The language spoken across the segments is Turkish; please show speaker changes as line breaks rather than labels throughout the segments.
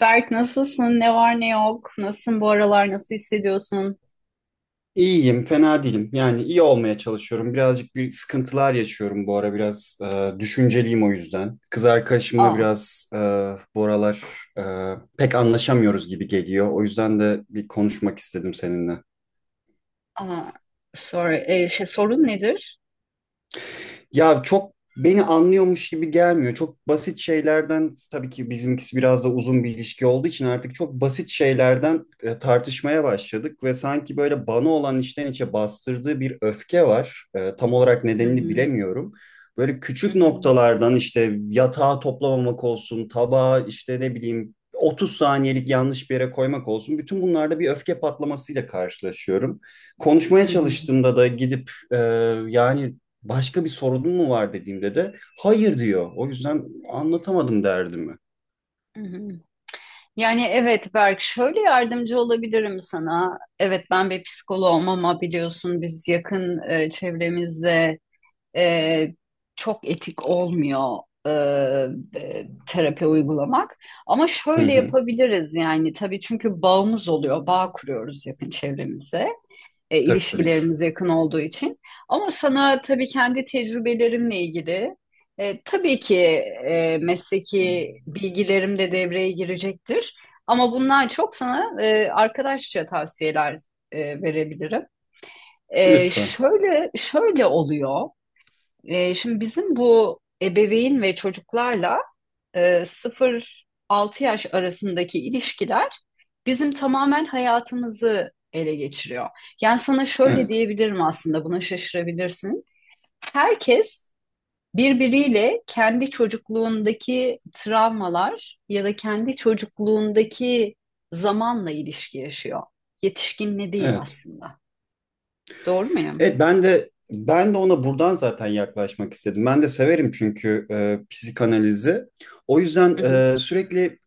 Berk, nasılsın? Ne var ne yok? Nasılsın bu aralar? Nasıl hissediyorsun?
İyiyim, fena değilim. Yani iyi olmaya çalışıyorum. Birazcık bir sıkıntılar yaşıyorum bu ara. Biraz düşünceliyim o yüzden. Kız arkadaşımla
Aa,
biraz bu aralar e, pek anlaşamıyoruz gibi geliyor. O yüzden de bir konuşmak istedim seninle.
aa, sorry. Şey, sorun nedir?
Ya çok beni anlıyormuş gibi gelmiyor. Çok basit şeylerden tabii ki bizimkisi biraz da uzun bir ilişki olduğu için artık çok basit şeylerden tartışmaya başladık ve sanki böyle bana olan içten içe bastırdığı bir öfke var. Tam olarak
Hı
nedenini
hı,
bilemiyorum. Böyle
hı
küçük
hı,
noktalardan işte yatağı toplamamak olsun, tabağı işte ne bileyim 30 saniyelik yanlış bir yere koymak olsun. Bütün bunlarda bir öfke patlamasıyla karşılaşıyorum.
hı
Konuşmaya
hı,
çalıştığımda da gidip yani başka bir sorunun mu var dediğimde de hayır diyor. O yüzden anlatamadım derdimi.
hı hı. Yani evet Berk, şöyle yardımcı olabilirim sana. Evet, ben bir psikoloğum ama biliyorsun biz yakın çevremizde e, çok etik olmuyor e, terapi uygulamak. Ama
Hı
şöyle
hı.
yapabiliriz, yani tabii, çünkü bağımız oluyor, bağ kuruyoruz yakın çevremize.
Tabii ki.
İlişkilerimiz yakın olduğu için. Ama sana tabii kendi tecrübelerimle ilgili, tabii ki mesleki bilgilerim de devreye girecektir. Ama bundan çok sana arkadaşça tavsiyeler verebilirim.
Lütfen.
Şöyle şöyle oluyor. Şimdi bizim bu ebeveyn ve çocuklarla 0-6 yaş arasındaki ilişkiler bizim tamamen hayatımızı ele geçiriyor. Yani sana şöyle
Evet.
diyebilirim, aslında buna şaşırabilirsin. Herkes birbiriyle kendi çocukluğundaki travmalar ya da kendi çocukluğundaki zamanla ilişki yaşıyor. Yetişkinle değil
Evet.
aslında. Doğru muyum?
Evet ben de ona buradan zaten yaklaşmak istedim. Ben de severim çünkü psikanalizi. O yüzden
Hı hı.
sürekli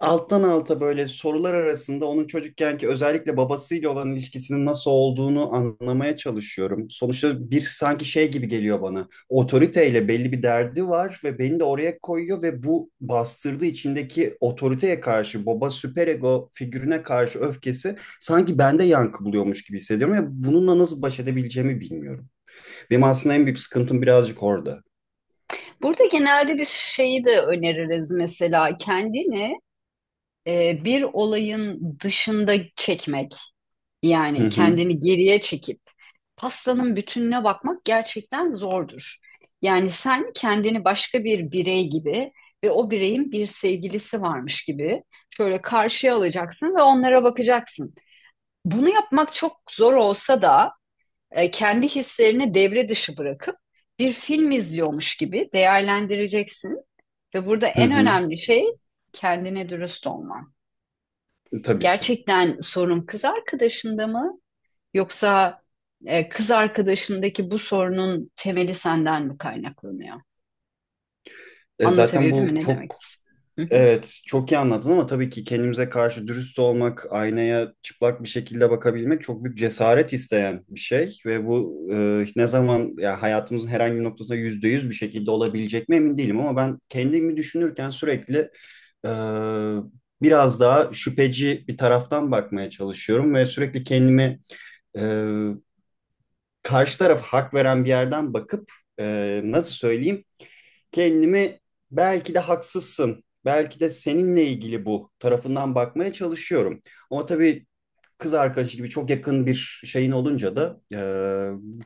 alttan alta böyle sorular arasında onun çocukkenki özellikle babasıyla olan ilişkisinin nasıl olduğunu anlamaya çalışıyorum. Sonuçta bir sanki şey gibi geliyor bana. Otoriteyle belli bir derdi var ve beni de oraya koyuyor ve bu bastırdığı içindeki otoriteye karşı baba süperego figürüne karşı öfkesi sanki bende yankı buluyormuş gibi hissediyorum ve bununla nasıl baş edebileceğimi bilmiyorum. Benim aslında en büyük sıkıntım birazcık orada.
Burada genelde biz şeyi de öneririz, mesela kendini bir olayın dışında çekmek.
Hı
Yani
hı,
kendini geriye çekip pastanın bütününe bakmak gerçekten zordur. Yani sen kendini başka bir birey gibi ve o bireyin bir sevgilisi varmış gibi şöyle karşıya alacaksın ve onlara bakacaksın. Bunu yapmak çok zor olsa da kendi hislerini devre dışı bırakıp bir film izliyormuş gibi değerlendireceksin ve burada
hı
en
hı,
önemli şey kendine dürüst olman.
tabii ki.
Gerçekten sorun kız arkadaşında mı? Yoksa kız arkadaşındaki bu sorunun temeli senden mi kaynaklanıyor?
E zaten
Anlatabildim mi
bu
ne demek
çok.
istediğimi?
Evet, çok iyi anladın ama tabii ki kendimize karşı dürüst olmak, aynaya çıplak bir şekilde bakabilmek çok büyük cesaret isteyen bir şey ve bu ne zaman ya hayatımızın herhangi bir noktasında yüzde yüz bir şekilde olabilecek mi emin değilim ama ben kendimi düşünürken sürekli e, biraz daha şüpheci bir taraftan bakmaya çalışıyorum ve sürekli kendimi e, karşı taraf hak veren bir yerden bakıp nasıl söyleyeyim? Kendimi belki de haksızsın, belki de seninle ilgili bu tarafından bakmaya çalışıyorum. Ama tabii kız arkadaşı gibi çok yakın bir şeyin olunca da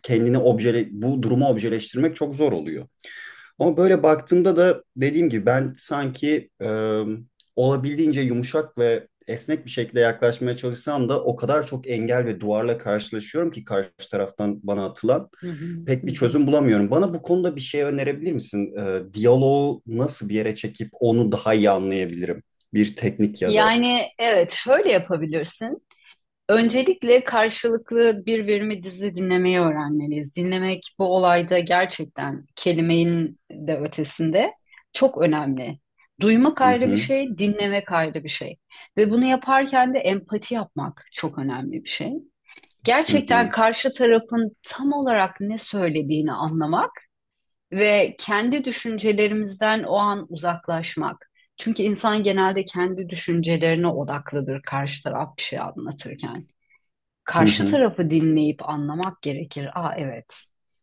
kendini objele, bu durumu objeleştirmek çok zor oluyor. Ama böyle baktığımda da dediğim gibi ben sanki olabildiğince yumuşak ve esnek bir şekilde yaklaşmaya çalışsam da o kadar çok engel ve duvarla karşılaşıyorum ki karşı taraftan bana atılan
Hı hı, hı hı,
pek bir
hı hı.
çözüm bulamıyorum. Bana bu konuda bir şey önerebilir misin? Diyaloğu nasıl bir yere çekip onu daha iyi anlayabilirim? Bir teknik ya da.
Yani evet, şöyle yapabilirsin. Öncelikle karşılıklı birbirimi dizi dinlemeyi öğrenmeliyiz. Dinlemek bu olayda gerçekten kelimenin de ötesinde çok önemli. Duymak
Hı
ayrı bir
hı,
şey, dinlemek ayrı bir şey. Ve bunu yaparken de empati yapmak çok önemli bir şey.
hı
Gerçekten
hı,
karşı tarafın tam olarak ne söylediğini anlamak ve kendi düşüncelerimizden o an uzaklaşmak. Çünkü insan genelde kendi düşüncelerine odaklıdır, karşı taraf bir şey anlatırken
hı
karşı
hı.
tarafı dinleyip anlamak gerekir. Aa, evet.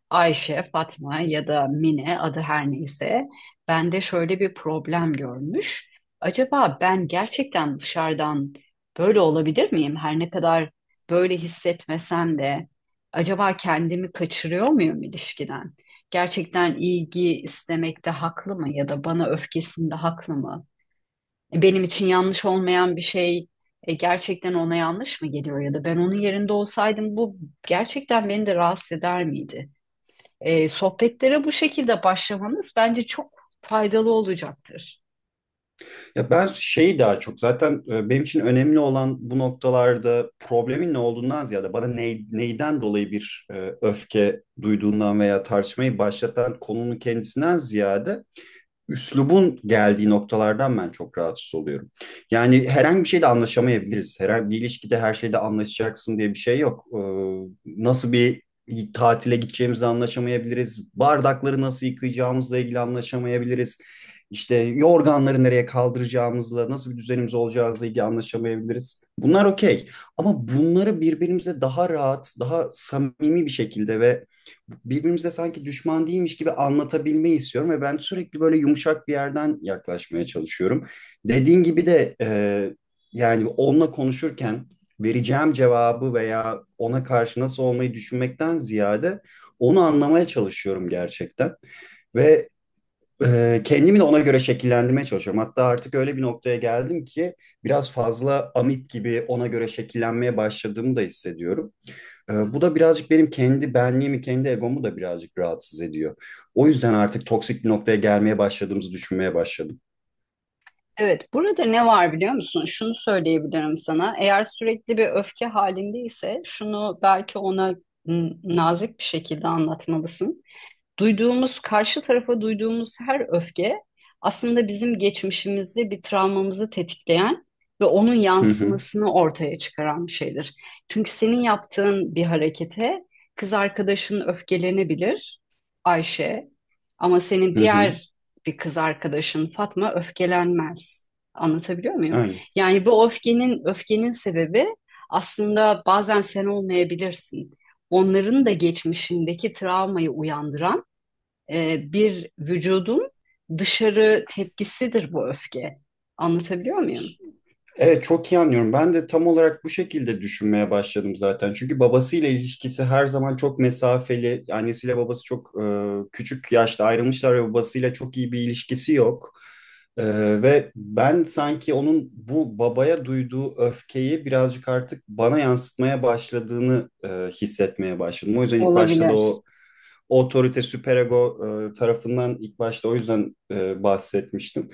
Ayşe, Fatma ya da Mine, adı her neyse, bende şöyle bir problem görmüş. Acaba ben gerçekten dışarıdan böyle olabilir miyim? Her ne kadar böyle hissetmesem de acaba kendimi kaçırıyor muyum ilişkiden? Gerçekten ilgi istemekte haklı mı ya da bana öfkesinde haklı mı? Benim için yanlış olmayan bir şey gerçekten ona yanlış mı geliyor ya da ben onun yerinde olsaydım bu gerçekten beni de rahatsız eder miydi? Sohbetlere bu şekilde başlamanız bence çok faydalı olacaktır.
Ya ben şeyi daha çok zaten benim için önemli olan bu noktalarda problemin ne olduğundan ziyade bana neyden dolayı bir öfke duyduğundan veya tartışmayı başlatan konunun kendisinden ziyade üslubun geldiği noktalardan ben çok rahatsız oluyorum. Yani herhangi bir şeyde anlaşamayabiliriz. Herhangi bir ilişkide her şeyde anlaşacaksın diye bir şey yok. Nasıl bir tatile gideceğimizle anlaşamayabiliriz. Bardakları nasıl yıkayacağımızla ilgili anlaşamayabiliriz. İşte yorganları nereye kaldıracağımızla, nasıl bir düzenimiz olacağımızla ilgili anlaşamayabiliriz. Bunlar okey. Ama bunları birbirimize daha rahat, daha samimi bir şekilde ve birbirimize sanki düşman değilmiş gibi anlatabilmeyi istiyorum ve ben sürekli böyle yumuşak bir yerden yaklaşmaya çalışıyorum. Dediğin gibi de yani onunla konuşurken vereceğim cevabı veya ona karşı nasıl olmayı düşünmekten ziyade onu anlamaya çalışıyorum gerçekten. Ve kendimi de ona göre şekillendirmeye çalışıyorum. Hatta artık öyle bir noktaya geldim ki biraz fazla amip gibi ona göre şekillenmeye başladığımı da hissediyorum. Bu da birazcık benim kendi benliğimi, kendi egomu da birazcık rahatsız ediyor. O yüzden artık toksik bir noktaya gelmeye başladığımızı düşünmeye başladım.
Evet, burada ne var biliyor musun? Şunu söyleyebilirim sana. Eğer sürekli bir öfke halindeyse şunu belki ona nazik bir şekilde anlatmalısın. Duyduğumuz, karşı tarafa duyduğumuz her öfke aslında bizim geçmişimizi, bir travmamızı tetikleyen ve onun
Hı hı,
yansımasını ortaya çıkaran bir şeydir. Çünkü senin yaptığın bir harekete kız arkadaşın öfkelenebilir, Ayşe, ama senin
hı hı,
diğer bir kız arkadaşın Fatma öfkelenmez. Anlatabiliyor muyum?
aynen.
Yani bu öfkenin sebebi aslında bazen sen olmayabilirsin. Onların da geçmişindeki travmayı uyandıran bir vücudun dışarı tepkisidir bu öfke. Anlatabiliyor muyum?
Evet çok iyi anlıyorum. Ben de tam olarak bu şekilde düşünmeye başladım zaten. Çünkü babasıyla ilişkisi her zaman çok mesafeli. Annesiyle babası çok küçük yaşta ayrılmışlar ve babasıyla çok iyi bir ilişkisi yok. Ee, Ve ben sanki onun bu babaya duyduğu öfkeyi birazcık artık bana yansıtmaya başladığını hissetmeye başladım. O yüzden ilk başta da
Olabilir.
o otorite süperego tarafından ilk başta o yüzden bahsetmiştim.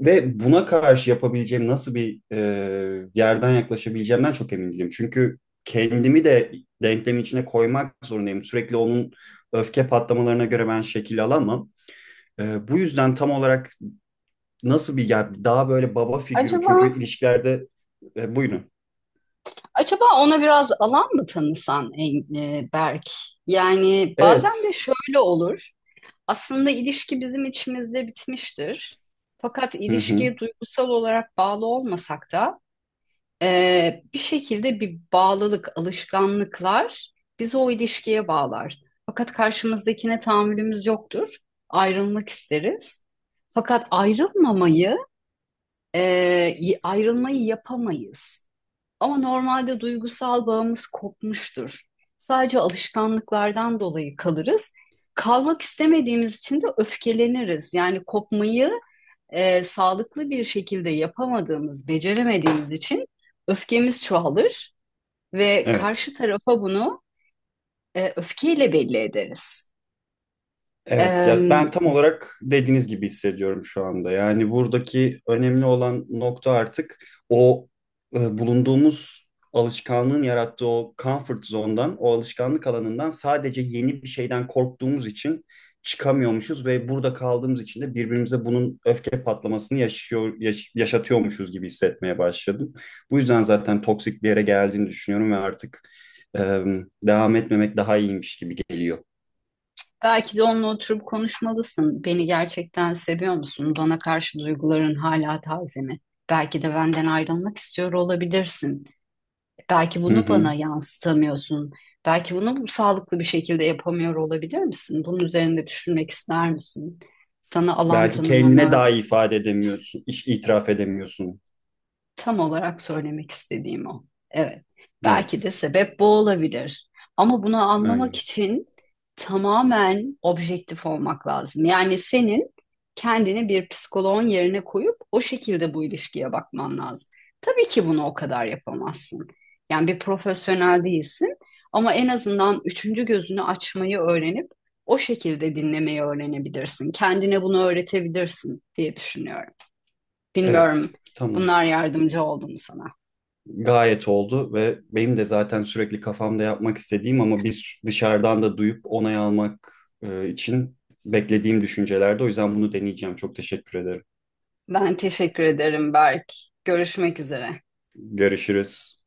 Ve buna karşı yapabileceğim nasıl bir yerden yaklaşabileceğimden çok emin değilim. Çünkü kendimi de denklemin içine koymak zorundayım. Sürekli onun öfke patlamalarına göre ben şekil alamam. Bu yüzden tam olarak nasıl bir yani daha böyle baba figürü
Acaba
çünkü ilişkilerde buyurun.
acaba ona biraz alan mı tanısan, Berk? Yani bazen
Evet.
de şöyle olur. Aslında ilişki bizim içimizde bitmiştir. Fakat
Hı hı.
ilişkiye duygusal olarak bağlı olmasak da bir şekilde bir bağlılık, alışkanlıklar bizi o ilişkiye bağlar. Fakat karşımızdakine tahammülümüz yoktur. Ayrılmak isteriz. Fakat ayrılmamayı, e, ayrılmayı yapamayız. Ama normalde duygusal bağımız kopmuştur. Sadece alışkanlıklardan dolayı kalırız. Kalmak istemediğimiz için de öfkeleniriz. Yani kopmayı sağlıklı bir şekilde yapamadığımız, beceremediğimiz için öfkemiz çoğalır ve
Evet.
karşı tarafa bunu öfkeyle belli ederiz.
Evet, ya
E,
ben tam olarak dediğiniz gibi hissediyorum şu anda. Yani buradaki önemli olan nokta artık o bulunduğumuz alışkanlığın yarattığı o comfort zone'dan, o alışkanlık alanından sadece yeni bir şeyden korktuğumuz için çıkamıyormuşuz ve burada kaldığımız için de birbirimize bunun öfke patlamasını yaşatıyormuşuz gibi hissetmeye başladım. Bu yüzden zaten toksik bir yere geldiğini düşünüyorum ve artık e, devam etmemek daha iyiymiş gibi geliyor.
Belki de onunla oturup konuşmalısın. Beni gerçekten seviyor musun? Bana karşı duyguların hala taze mi? Belki de benden ayrılmak istiyor olabilirsin. Belki
Hı
bunu bana
hı.
yansıtamıyorsun. Belki bunu bu sağlıklı bir şekilde yapamıyor olabilir misin? Bunun üzerinde düşünmek ister misin? Sana alan
Belki kendine
tanımamı…
daha iyi ifade edemiyorsun, iş itiraf edemiyorsun.
Tam olarak söylemek istediğim o. Evet. Belki de
Evet,
sebep bu olabilir. Ama bunu anlamak
aynen.
için tamamen objektif olmak lazım. Yani senin kendini bir psikoloğun yerine koyup o şekilde bu ilişkiye bakman lazım. Tabii ki bunu o kadar yapamazsın. Yani bir profesyonel değilsin ama en azından üçüncü gözünü açmayı öğrenip o şekilde dinlemeyi öğrenebilirsin. Kendine bunu öğretebilirsin diye düşünüyorum.
Evet,
Bilmiyorum,
tamam.
bunlar yardımcı oldu mu sana?
Gayet oldu ve benim de zaten sürekli kafamda yapmak istediğim ama bir dışarıdan da duyup onay almak için beklediğim düşüncelerde. O yüzden bunu deneyeceğim. Çok teşekkür ederim.
Ben teşekkür ederim Berk. Görüşmek üzere.
Görüşürüz.